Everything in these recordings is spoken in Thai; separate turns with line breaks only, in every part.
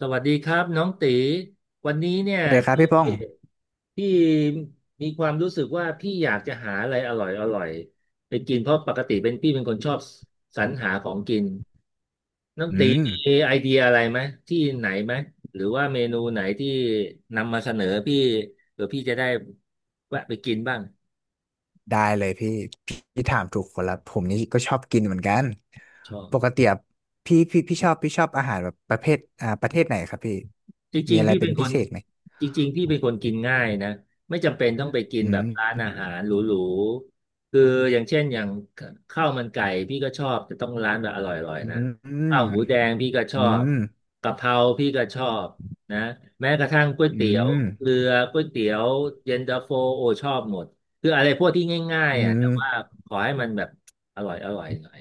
สวัสดีครับน้องตีวันนี้เนี่ย
สวัสดีครับ
พี่
พี่ป้อง
พี่มีความรู้สึกว่าพี่อยากจะหาอะไรอร่อยอร่อยไปกินเพราะปกติเป็นพี่เป็นคนชอบสรรหาของกินน้อง
อื
ตี
ม
มีไอเดียอะไรไหมที่ไหนไหมหรือว่าเมนูไหนที่นำมาเสนอพี่เผื่อพี่จะได้แวะไปกินบ้าง
ได้เลยพี่ พี่ถามถูกคนละผมนี่ก็ชอบกินเหมือนกัน
ชอบ
ปกติอะพี่ชอบอาหารแบบประเภทประเทศไหนครับพี่
จ
มี
ริง
อะ
ๆ
ไร
พี่
เป็
เป็
น
นค
พิ
น
เศษไหม
จริงๆพี่เป็นคนกินง่ายนะไม่จำเป็นต้องไปกิน
อื
แบบ
ม
ร้านอาหารหรูๆคืออย่างเช่นอย่างข้าวมันไก่พี่ก็ชอบแต่ต้องร้านแบบอร่อย
อื
ๆนะ
มอื
ข้า
ม
วหมูแดงพี่ก็ช
อื
อบ
ม
กะเพราพี่ก็ชอบนะแม้กระทั่งก๋วย
อื
เตี๋ยว
ม
เรือก๋วยเตี๋ยวเย็นตาโฟโอชอบหมดคืออะไรพวกที่ง่าย
อื
ๆอ่ะ
ม
แต่ว่าขอให้มันแบบอร่อยอร่อยหน่อย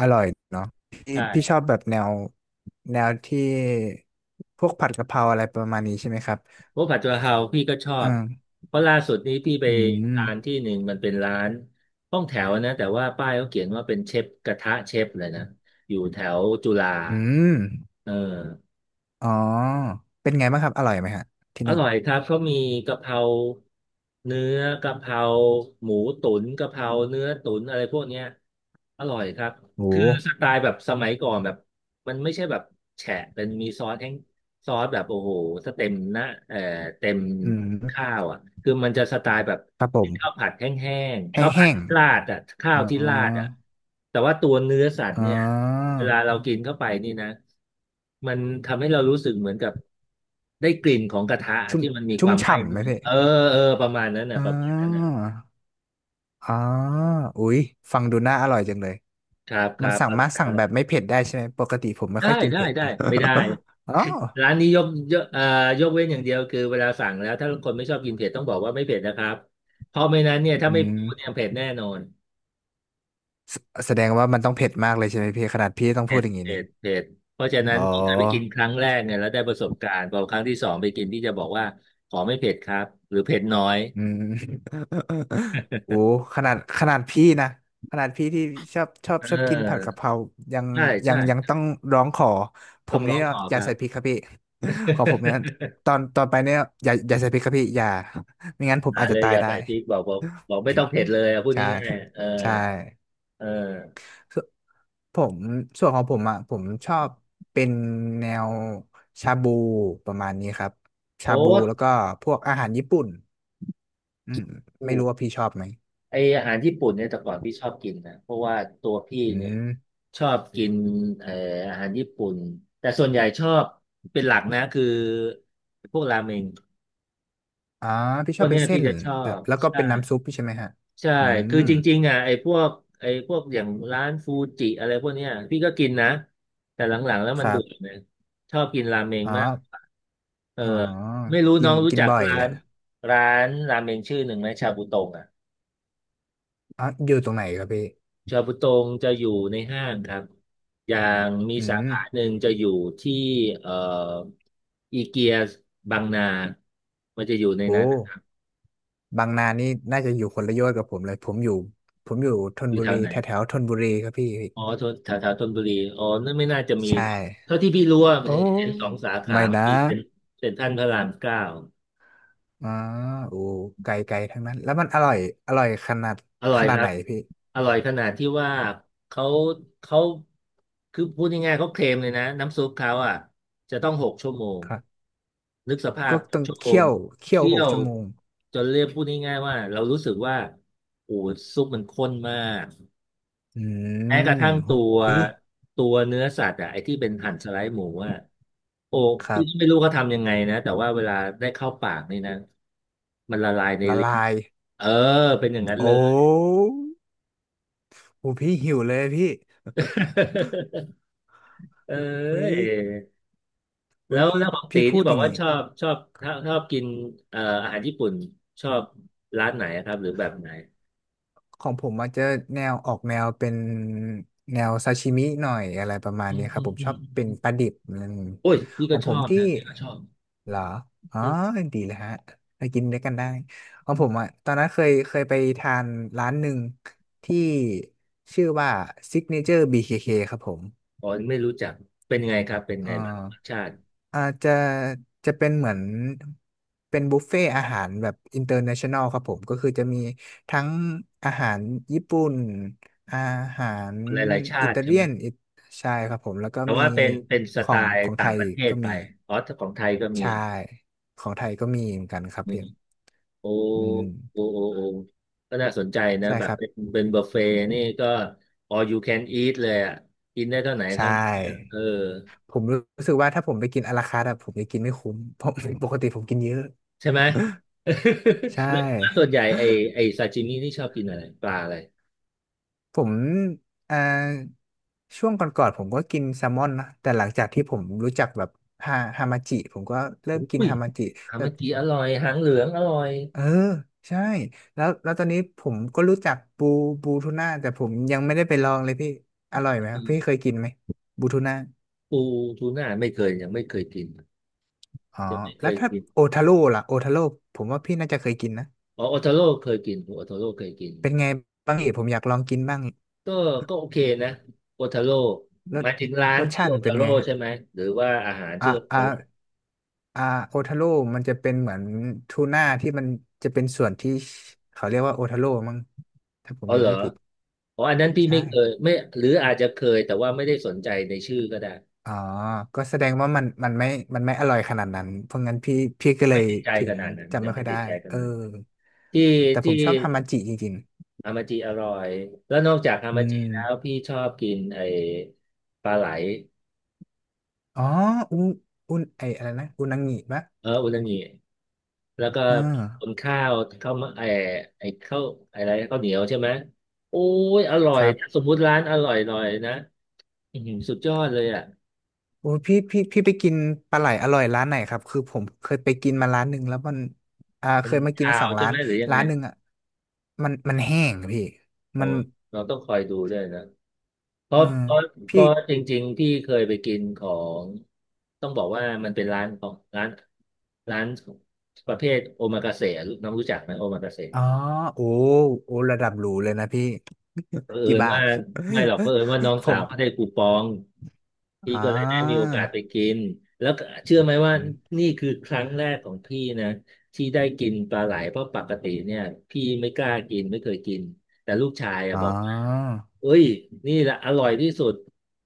อร่อยเนาะพี่
ใช่
พี่ชอบแบบแนวแนวที่พวกผัดกะเพราอะไรประมาณนี้ใช่ไหมครับ
เพวกผัดกะเพราพี่ก็ชอ
เอื
บ
ม
เพราะล่าสุดนี้พี่ไป
อื
ทาน
ม
ที่หนึ่งมันเป็นร้านห้องแถวนะแต่ว่าป้ายเขาเขียนว่าเป็นเชฟกระทะเชฟเลยนะอยู่แถวจุฬา
อืม
เออ
อ๋อเป็นไงบ้างครับอร่อยไหมฮะที่
อ
นู่น
ร่อยครับเขามีกะเพราเนื้อกะเพราหมูตุ๋นกะเพราเนื้อตุ๋นอะไรพวกเนี้ยอร่อยครับ
โอ้
คือ
โห
สไตล์แบบสมัยก่อนแบบมันไม่ใช่แบบแฉะเป็นมีซอสแห้งซอสแบบโอ้โหสเต็มหนะเต็ม
อืม
ข้าวอ่ะคือมันจะสไตล์แบบ
ครับผ
ข้าว
ม
ผัดแห้งๆ
แ
ข้าวผั
ห้
ด
ง
ราดอ่ะ
ๆ
ข้า
อ๋
วที่ราดอ่ะ
อ
แต่ว่าตัวเนื้อสัตว์
อ๋อ
เนี่ยเวลาเรากินเข้าไปนี่นะมันทำให้เรารู้สึกเหมือนกับได้กลิ่นของกระทะ
ชุ่ม
ที่มันมีค
ชุ่ม
วามไหม้
ฉ่ำ
นิ
ไห
ด
ม
นึง
พี่
เออเออประมาณนั้นน่ะ
อ๋
ประมาณนั้นน่ะ
ออ๋ออุ๊ยฟังดูน่าอร่อยจังเลย
ครับค
มัน
รั
สั่งมาสั่งแบบ
บ
ไม่เผ็ดได้ใช่ไหม ปกติผมไม่
ได้
ค่อยกิน
ได้
เผ็ด
ได้
นะ
ไม่ได้
อ๋อ
ร้านนี้ยกยกเอ่อยกเว้นอย่างเดียวคือเวลาสั่งแล้วถ้าคนไม่ชอบกินเผ็ดต้องบอกว่าไม่เผ็ดนะครับเพราะไม่นั้นเนี่ยถ้า
อื
ไม่พู
ม
ดเนี่ยเผ็ดแน่นอน
แสแสดงว่ามันต้องเผ็ดมากเลยใช่ไหมพี่ขนาดพี่ต้อง
เผ็
พูด
ด
อย่างนี้
เผ็
นี่
ดเผ็ดเพราะฉะ
อ๋
นั้น
อ
ที่เคยไปกินครั้งแรกเนี่ยแล้วได้ประสบการณ์พอครั้งที่สองไปกินที่จะบอกว่าขอไม่เผ็ดครับหรือเผ็ดน้อย
อืม โอ้ขนาดพี่นะขนาดพี่ที่ชอบชอ
เ
บชอบกินผัดกะ
ออ
เพรายัง
ใช่
ยั
ใช่
งยังต้องร้องขอผ
ต้อ
ม
งร้
นี่
องขอ
อ
ค
ย่า
รั
ใส่
บ
พริกครับพี่ ของผมเนี่ยตอนตอนไปเนี่ยอย่าใส่พริกครับพี่อย่าไม่งั้นผ ม
หา
อาจ
เล
จะ
ย
ตา
อ
ย
ย่า
ได้
ใส่พริกบอกไม่
อื
ต้องเผ็ด
ม
เลยอะพูด
ใช่
ง่ายๆเออ
ใช่
เออ
ส่วนผมส่วนของผมอ่ะผมชอบเป็นแนวชาบูประมาณนี้ครับชา
โอ๊
บู
ต
แล้วก็พวกอาหารญี่ปุ่นอืมไม่รู้ว่าพี่ชอบไหม
ไออาหารญี่ปุ่นเนี่ยแต่ก่อนพี่ชอบกินนะเพราะว่าตัวพี่
อื
เนี่ย
ม
ชอบกินเอ่ออาหารญี่ปุ่นแต่ส่วนใหญ่ชอบเป็นหลักนะคือพวกราเมง
อ่าพี่
พ
ชอ
วก
บเป็
เนี้
น
ย
เส้
พี่
น
จะชอ
แบบ
บ
แล้วก็
ใช่
เป็นน้ำซุปพี่ใช่ไหมฮะ
ใช่
อื
คือ
ม
จริงๆอ่ะไอ้พวกอย่างร้านฟูจิอะไรพวกเนี้ยพี่ก็กินนะแต่หลังๆแล้ว
ค
มัน
รั
เบื่อเล
บ
ยชอบกินราเมง
อ๋อ
มากเออ
อ๋อ
ไม่รู้
กิ
น้
น
องรู้
กิน
จัก
บ่อย
ร้า
แหละ
นราเมงชื่อหนึ่งไหมชาบูตงอ่ะ
อ๋อ อยู่ตรงไหนครับพี่
ชาบูตรงจะอยู่ในห้างครับอย่างมี
อื
สา
ม
ขาหนึ่งจะอยู่ที่เอ่ออีเกียบางนา มันจะอยู่ใน
โอ้
นั้นนะครับ
บางนานี่น่าจะอยู่คนละโยชน์กับผมเลย ผมอยู่ ผมอยู่ธน
อยู่
บุ
แถ
รี
วไหน
แถวแถวธนบุรีครับพี่
อ๋อทนแถวแถวธนบุรี อ๋อนั่นไม่น่าจะมี
ใช่
เท่าที่พี่รู้ว่า
โอ้
เห็นสองสาขา
ไม่
มน
นะ
มีเป็นเซ็นทรัลพระรามเก้า
อ๋อโอ้ไกลไกลทั้งนั้น แล้วมันอร่อย อร่อยขนาด
อร่อ
ข
ย
นา
ค
ด
รั
ไหน
บ
พี่
อร่อยขนาดที่ว่าเขาเขาคือพูดง่ายๆเขาเคลมเลยนะน้ำซุปเขาอ่ะจะต้องหกชั่วโมง
ครับ
นึกสภา
ก็
พ
ต้อง
ชั่วโม
เคี่
ง
ยวเคี่ยว
เคี่
ห
ย
ก
ว
ชั่วโมง
จนเรียกพูดง่ายๆว่าเรารู้สึกว่าโอ้ซุปมันข้นมาก
อื
แม้กระ
ม
ทั่ง
หุ
ตัว
ย
เนื้อสัตว์อ่ะไอ้ที่เป็นหั่นสไลด์หมูอ่ะโอ้
ครั
พี่ก็ไม่
บ
รู้เขาทำยังไงนะแต่ว่าเวลาได้เข้าปากนี่นะมันละลายใน
ละ
ลิ้น
ลาย
เออเป็นอย่างนั้น
โอ้
เลย
โหพี่หิวเลยพี่
เอ้
หุย
ย
หุ
แล้
ย
ว
พี่
แล้วของตี
พี่พู
ที่
ด
บ
อ
อก
ย่าง
ว่า
งี้
ชอบกินอาหารญี่ปุ่นชอบร้านไหนอะครับหรือแบบไหน
ของผมมันจะแนวออกแนวเป็นแนวซาชิมิหน่อยอะไรประมาณ
อื
นี้
ม
ครั
อื
บ
ม
ผม
อื
ช
ม
อบเป็น
อืม
ปลาดิบอืม
โอ้ยพี่
ข
ก็
อง
ช
ผ
อ
ม
บ
ที่
นะพี่ก็ชอบ
เหรออ๋อ
อืม
ดีเลยฮะไปกินด้วยกันได้ของ
อื
ผ
ม
มอ่ะตอนนั้นเคยเคยไปทานร้านหนึ่งที่ชื่อว่า Signature BKK คเคครับผม
อ๋อไม่รู้จักเป็นไงครับเป็นไง
อ่
แบบรส
า
ชาติ
อาจจะจะเป็นเหมือนเป็นบุฟเฟ่อาหารแบบอินเตอร์เนชั่นแนลครับผมก็คือจะมีทั้งอาหารญี่ปุ่นอาหาร
หลายๆชา
อิ
ติ
ตา
ใช่
เลี
ไหม
ยนอิใช่ครับผมแล้วก็
แต่
มี
ว่าเป็นส
ขอ
ไต
งข
ล์
องไท
ต่าง
ย
ประเทศ
ก็
ไป
มี
อ๋อแต่ของไทยก็มี
ใช่ของไทยก็มีเหมือนกันครับเพียง
โอ้
อืม
โอ้โอ้ โอ้ ก็น่าสนใจนะ
ใช่
แบ
ค
บ
รับ
เป็นบุฟเฟ่ต์นี่ก็ all you can eat เลยอ่ะ กินได้เท่าไหน
ใช
เท่านั้นอะเอ
่
อ
ผมรู้สึกว่าถ้าผมไปกินอาราคาร์ทอะผมจะกินไม่คุ้มเพราะ ปกติผมกินเยอะ
ใช่ไหม
ใช
ส่ว
่
นใหญ่ไอซาชิมินี่ชอบกินอะไรปลาอะไร
ผมเอ่อช่วงก่อนๆผมก็กินแซลมอนนะแต่หลังจากที่ผมรู้จักแบบฮามาจิผมก็เริ่
อ
มกิน
ุ้ย
ฮามาจิ
ฮามาจิอร่อยหางเหลืองอร่อย
เออใช่แล้วแล้วตอนนี้ผมก็รู้จักบูบูทูน่าแต่ผมยังไม่ได้ไปลองเลยพี่อร่อยไหมครับพี่เคยกินไหมบูทูน่า
ปูทูน่าไม่เคยยังไม่เคยกิน
อ๋อ
ยังไม่เค
แล้ว
ย
ถ้า
กิน
โอทาโร่ล่ะโอทาโร่ผมว่าพี่น่าจะเคยกินนะ
อ๋อโอทาโร่เคยกินโอทาโร่เคยกิน
เป็นไงบ้างเอ๋ผมอยากลองกินบ้าง
ก็โอเคนะโอทาโร่
ร
ห
ส
มายถึงร้า
ร
น
ส
ชื่อ
ชาติ
โอ
มันเป็
ทา
น
โร่
ไงฮะ
ใช่ไหมหรือว่าอาหาร
อ่ะ
ชื่อโอ
อ่ะ
ทาโร่
อ่าโอทาโร่มันจะเป็นเหมือนทูน่าที่มันจะเป็นส่วนที่เขาเรียกว่าโอทาโร่มั้งถ้าผ
อ๋
ม
อ
จะ
เหรอ
ไม่ผิด
อ๋ออันนั้นพี่
ใช่
ไม่เคยไม่หรืออาจจะเคยแต่ว่าไม่ได้สนใจในชื่อก็ได้
อ๋อก็แสดงว่ามันไม่อร่อยขนาดนั้นเพราะงั้นพี่ก็เล
ไม่
ย
ติดใจ
ถึ
ข
ง
นาดนั้น
จำ
ยั
ไม่
ง
ค่
ไม่
อยได้
ติดใจขนา
เอ
ด
อ
นั้นที่
แต่ผ
ที่
มชอบฮามาจิจริง
ฮามาจิอร่อยแล้วนอกจากฮา
ๆอื
มาจิ
ม
แล้วพี่ชอบกินไอ้ปลาไหล
อ๋ออุนอุนไออะไรนะอุนางิปะ
เอออุนางิแล้วก็
อ่า
ตุนข้าวข้าวมะไอ้ไอ้ข้าวอะไรข้าวเหนียวใช่ไหมโอ้ยอร่อ
ค
ย
รั
ส
บ
มมุติร้านอร่อยหน่อยนะอื้อหือสุดยอดเลยอ่ะ
โอ้ยพี่ไปกินปลาไหลอร่อยร้านไหนครับคือผมเคยไปกินมาร้านหนึ่งแล้วมันอ่า
มั
เค
น
ยมากิน
ข่า
ส
ว
อง
ใช่
ร้า
ไห
น
มหรือยังไง
ร้านหนึ่งอ่ะมันแห้งอะพี่
โอ้
มัน
เราต้องคอยดูด้วยนะ เพ
เอ
ราะ
อ
เพราะเพ
พี่
ราะจริงๆพี่เคยไปกินของต้องบอกว่ามันเป็นร้านของร้านร้านประเภทโอมากาเสะน้องรู้จักไหมโอมากาเสะ
อ๋อโอ้โอ้ระดับหรูเลยนะพี่
เผ อิ
กี่
ญ
บา
ว่า
ท
ไม่หรอกเผอิญว่าน้อง
ผ
สาวเขาได้
ม
คูปองพี่
อ่า
ก็เลยได้มีโอกาสไปกินแล้วก็เชื่อไหมว่า
อม
นี่คือครั้งแรกของพี่นะที่ได้กินปลาไหลเพราะปกติเนี่ยพี่ไม่กล้ากินไม่เคยกินแต่ลูกชายอะ
อ๋อ
บอกว่าเอ้ยนี่แหละอร่อยที่สุด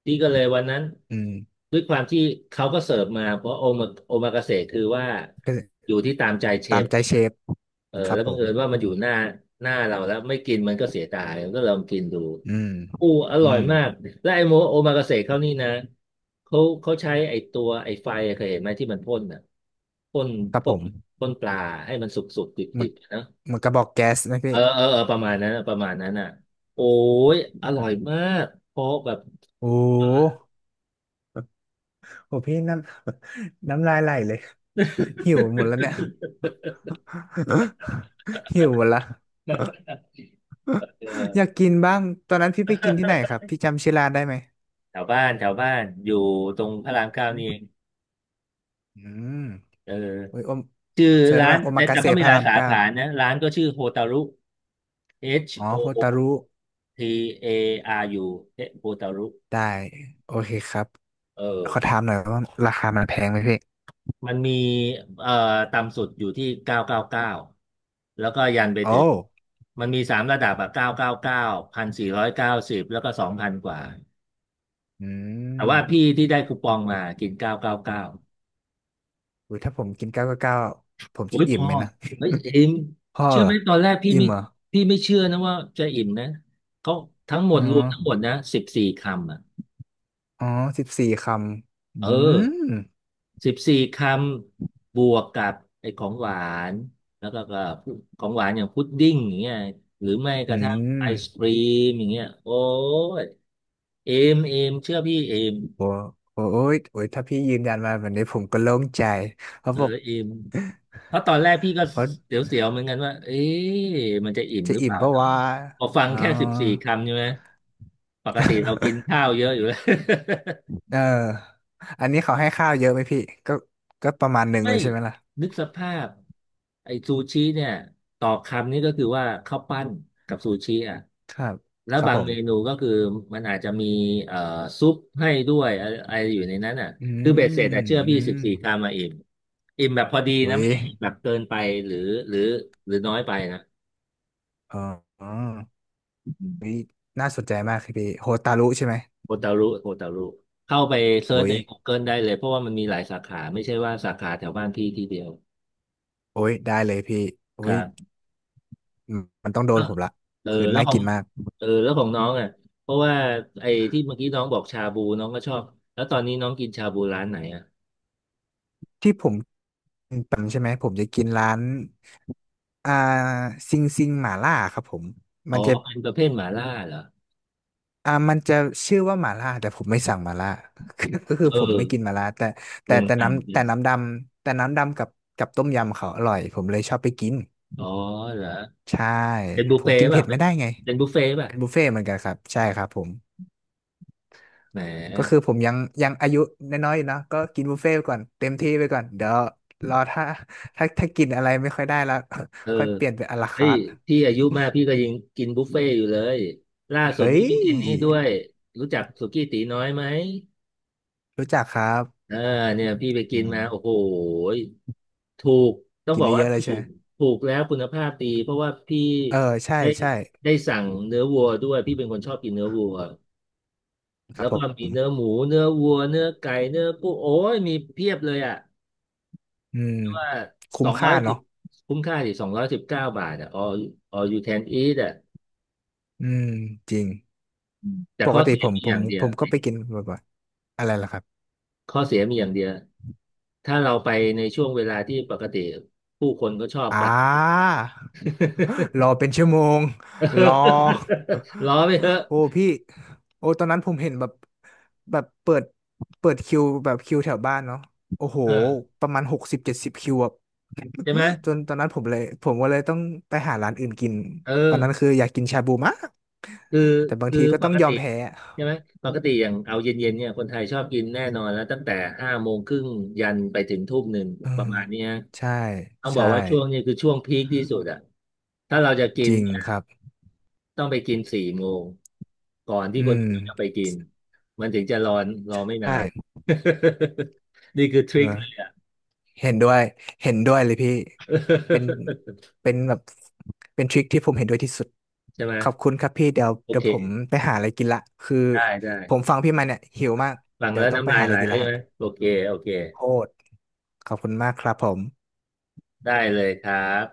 พี่ก็เลยวันนั้น
อืม
ด้วยความที่เขาก็เสิร์ฟมาเพราะโอมากาเสะคือว่า
ก็
อยู่ที่ตามใจเช
ตาม
ฟ
ใจเชฟ
เออ
ครั
แล้
บ
ว
ผ
บัง
ม
เอิญว่ามันอยู่หน้าเราแล้วไม่กินมันก็เสียดายก็ลองกินดู
อืม
อู้อ
อื
ร่อย
ม
มากและไอโมโอมากาเสะเขานี่นะเขาเขาใช้ไอตัวไอไฟอะเคยเห็นไหมที่มันพ่นอ่ะพ่น
ครับ
พ่
ผ
น
ม
พ่นปลาให้มันสุกสุกดิบ
ห
ดิ
มัน
บๆนะ
มันกระบอกแก๊สนะพี่
เออเออเออประมาณนั้นอ่ะโอ้ยอร่อยมากเพราะแบบ
โอ้ โหพี่น้ำ น้ำ ลายไหลเลย หิวหมดแล้วเนี่ย หิวหมดละ อยาก
เออ
กินบ้างตอนนั้นพี่ไปกินที่ไหนครับพี่ จำชื่อร้านได้ไหม
แถวบ้านอยู่ตรงพระราม 9นี่เอง
อืม
เออ
โอ้ยโอม
ชื่อ
เชิญ
ร้าน
ว่าโอ
แต่
มากา
แต่
เสะ
เขามี
พ
ห
ระ
ลาย
ราม
สา
เก้า
ขานะร้านก็ชื่อโฮตารุ H
อ๋อ
O
โฮตารุ
T A R U เอ๊ะโฮตารุ
ได้โอเคครับ
เออ
ขอถามหน่อยว่าราคามันแพงไหมพี่
มันมีเอ่อต่ำสุดอยู่ที่เก้าร้อยเก้าสิบเก้าแล้วก็ยันไป
โอ้
ถึงมันมีสามระดับอะเก้าร้อยเก้าสิบเก้า1,490แล้วก็2,000กว่า
อื
แต่ว่าพี่
ม
ที่ได้คูปองมากินเก้าร้อยเก้าสิบเก้า
อุ้ยถ้าผมกินเก้าเก้าเก้าผม
โอ้
จะ
ยพ
อิ่ม
อ
ไหมนะ
เฮ้ยเอม
พ่อ
เชื่
เห
อ
ร
ไห
อ
มตอนแรกพี่
อิ่ม
ไม่
เหรอ
พี่ไม่เชื่อนะว่าจะอิ่มนะเขาทั้งหม
อ๋
ด
อ
รวมทั้งหมดนะสิบสี่คำอ่ะ
อ๋อ14 คำอื
เออ
ม
สิบสี่คำบวกกับไอ้ของหวานแล้วก็กับของหวานอย่างพุดดิ้งอย่างเงี้ยหรือไม่ก
อื
ระทั่งไอ
ม
ศกรีมอย่างเงี้ยโอ้ยเอมเอมเชื่อพี่เอม
โอ้โอ้โอ้ยโอ้ยถ้าพี่ยืนยันมาแบบนี้ผมก็โล่งใจ เพราะ
เออ
บอก
เอม เพราะตอนแรกพี่ก็
เพราะ
เสียวๆเหมือนกันว่าเอ๊ะมันจะอิ่ม
จะ
หรือเป
อิ่ม
ล่า
ปะ
เนาะ
วะ
พอฟัง
อ๋อ
แค่สิบสี่คำใช่ไหม ปกติเรากินข้าว เยอะอยู่แล้ว
เออ อันนี้เขาให้ข้าวเยอะไหมพี่ก็ก็ประมาณห นึ่ง
ไม่
เลยใช่ไหมล่ะ
นึกสภาพไอ้ซูชิเนี่ยต่อคำนี่ก็คือว่าข้าวปั้นกับซูชิอ่ะ
ครับ
แล้ว
ครับ
บาง
ผ
เมนู
ม
ก็คือมันอาจจะมีเอ่อซุปให้ด้วยอะไรอะไรอยู่ในนั้นอ่ะ
อื
คือเบ็ดเสร็จอ่ะ
ม
เชื่อ
อื
พี่สิ
ม
บสี่คำมาอิ่ม อิ่มแบบพอดี
อุ้
นะ
ย
ไม่ใช่แบบเกินไปหรือหรือหรือน้อยไปนะ
อ๋ออ๋ออุ้ย น่าสนใจมากครับพี่โฮตารุใช่ไหม
โอตารุเข้าไปเซิร์ช
อุ้ย
ใน Google ได้เลยเพราะว่ามันมีหลายสาขาไม่ใช่ว่าสาขาแถวบ้านพี่ที่เดียว
โอ้ยได้เลยพี่
ค
อุ้
รั
ย
บ
มันต้องโด
แล้
น
ว
ผมละ
เออ
คือน่ากินมาก
แล้วของน้องอ่ะเพราะว่าไอ้ที่เมื่อกี้น้องบอกชาบูน้องก็ชอบแล้วตอนนี้น้องกินชาบูร้านไหนอ่ะ
ที่ผมกปะจำใช่ไหมผมจะกินร้านอ่าซิงซิงหม่าล่าครับผม
อ๋
มั
อ
นจะ
เป็นประเภทหม่าล่าเหรอ
อ่ามันจะชื่อว่าหม่าล่าแต่ผมไม่สั่งหม่าล่า คือก็คือ
เอ
ผม
อ
ไม่กินหม่าล่าแต่
โรงอัน
น้ำ
เป็
แต่
น
น้ำดำแต่น้ำดำกับกับต้มยำเขาอร่อยผมเลยชอบไปกิน
อ๋อเหรอ
ใช่
เป็นบุ
ผ
ฟ
ม
เฟ่ต์
กินเผ็
ป่ะ
ด
เป็
ไม่
น
ได้ไง
เป็นบุฟเฟ่ต์ป่ะ
นะครับใช่ครับผม
แห
ก็คือ
ม
ผมยังยังอายุน้อยๆอยู่เนอะก็กินบุฟเฟ่ต์ไปก่อนเต็มที่ไปก่อนเดี๋ยวรอถ้าถ้ากินอะไรไม่ค่อยได้แล้ว
เออ
ค่อยเปลี่ยนเป็นอะลา
เฮ้
คา
ย
ร์ท
พี่อายุมากพี่ก็ยังกินบุฟเฟ่ต์อยู่เลยล่าสุด
เฮ้
นี้พี่กินนี่ด้
ย
วยรู้จักสุกี้ตีน้อยไหม
รู้จักครับ
เออเนี่ยพี่ไป
อื
กินมา
ม
โอ้โหยถูกต้อง
กิน
บอก
ได้เย
ว่า
อะเล
ถู
ยใช่ไหม
กถูกแล้วคุณภาพดีเพราะว่าพี่
เออใช่
ได้
ใช่
ได้สั่งเนื้อวัวด้วยพี่เป็นคนชอบกินเนื้อวัว
ครั
แล้
บ
ว
ผ
ก็มี
ม
เนื้อหมูเนื้อวัวเนื้อไก่เนื้อกุ้งโอ้ยมีเพียบเลยอ่ะ
อืม
ว่าส
คุ้ม
องร้
ค่า
อยสิ
เนาะ
บคุ้มค่าสิ219 บาทอ่ะ all you can eat อ่ะ
อืมจริง
อืมแต่
ป
ข้
ก
อ
ติ
เสีย
ผม
มี
ผ
อ
ม
ย่างเดีย
ผ
ว
มก็ไปกินบ่อยๆอะไรล่ะครับ
ข้อเสียมีอย่างเดียว ถ้าเราไปในช่วงเวลาที่ปกติผู้คนก็ชอบ
อ่
ไป
ารอ เป็นชั่วโมง
เ
รอ
ออล้อไปเถอะ
โอ้พี่โอ้ตอนนั้นผมเห็นแบบแบบเปิดเปิดคิวแบบคิวแถวบ้านเนาะโอ้โห
เออ
ประมาณ60-70คิวอะ
ใช่ไหม
จนตอนนั้นผมเลยผมก็เลยต้องไปหาร้านอื่นกิน
เออ
ตอนนั้นคืออยากกินชาบูมาก
คือ
แต่บาง
คือ
ทีก็
ป
ต้อง
ก
ยอ
ติ
มแพ้อะ
ใช่ไหมปกติอย่างเอาเย็นๆเนี่ยคนไทยชอบกินแน่นอนแล้วตั้งแต่5 โมงครึ่งยันไปถึง1 ทุ่ม
อื
ประ
ม
มาณเนี้ย
ใช่
ต้องบอ
ใช่
กว่าช่วงนี้คือช่วงพีคที่สุดอะถ้าเราจะกิ
จ
น
ริงครับ
ต้องไปกิน4 โมงก่อนที่
อื
คน
ม
อื่นจะไปกินมันถึงจะรอไม่นาน
ใช่
นี่คือท
เอ
ริคเล
อ
ยอ่ะ
เห็นด้วย เห็นด้วยเลยพี่ เป็น เป็นแบบเป็นทริคที่ผมเห็นด้วยที่สุด
ใช่ไหม
ขอบคุณครับพี่ เดี๋ยว
โอ
เดี๋ย
เค
วผมไปหาอะไรกินละคือ
ได้
ผม
ได้
ฟังพี่มาเนี่ยหิวมาก
ฟัง
เดี๋ย
แล้
ว
ว
ต้องไป
น้ำลาย
หาอะ
ไห
ไร
ล
กิน
แล้ว
ละ
ใช่
ฮะ
ไหมโอเคโอเค
โคตรขอบคุณมากครับผม
ได้เลยครับ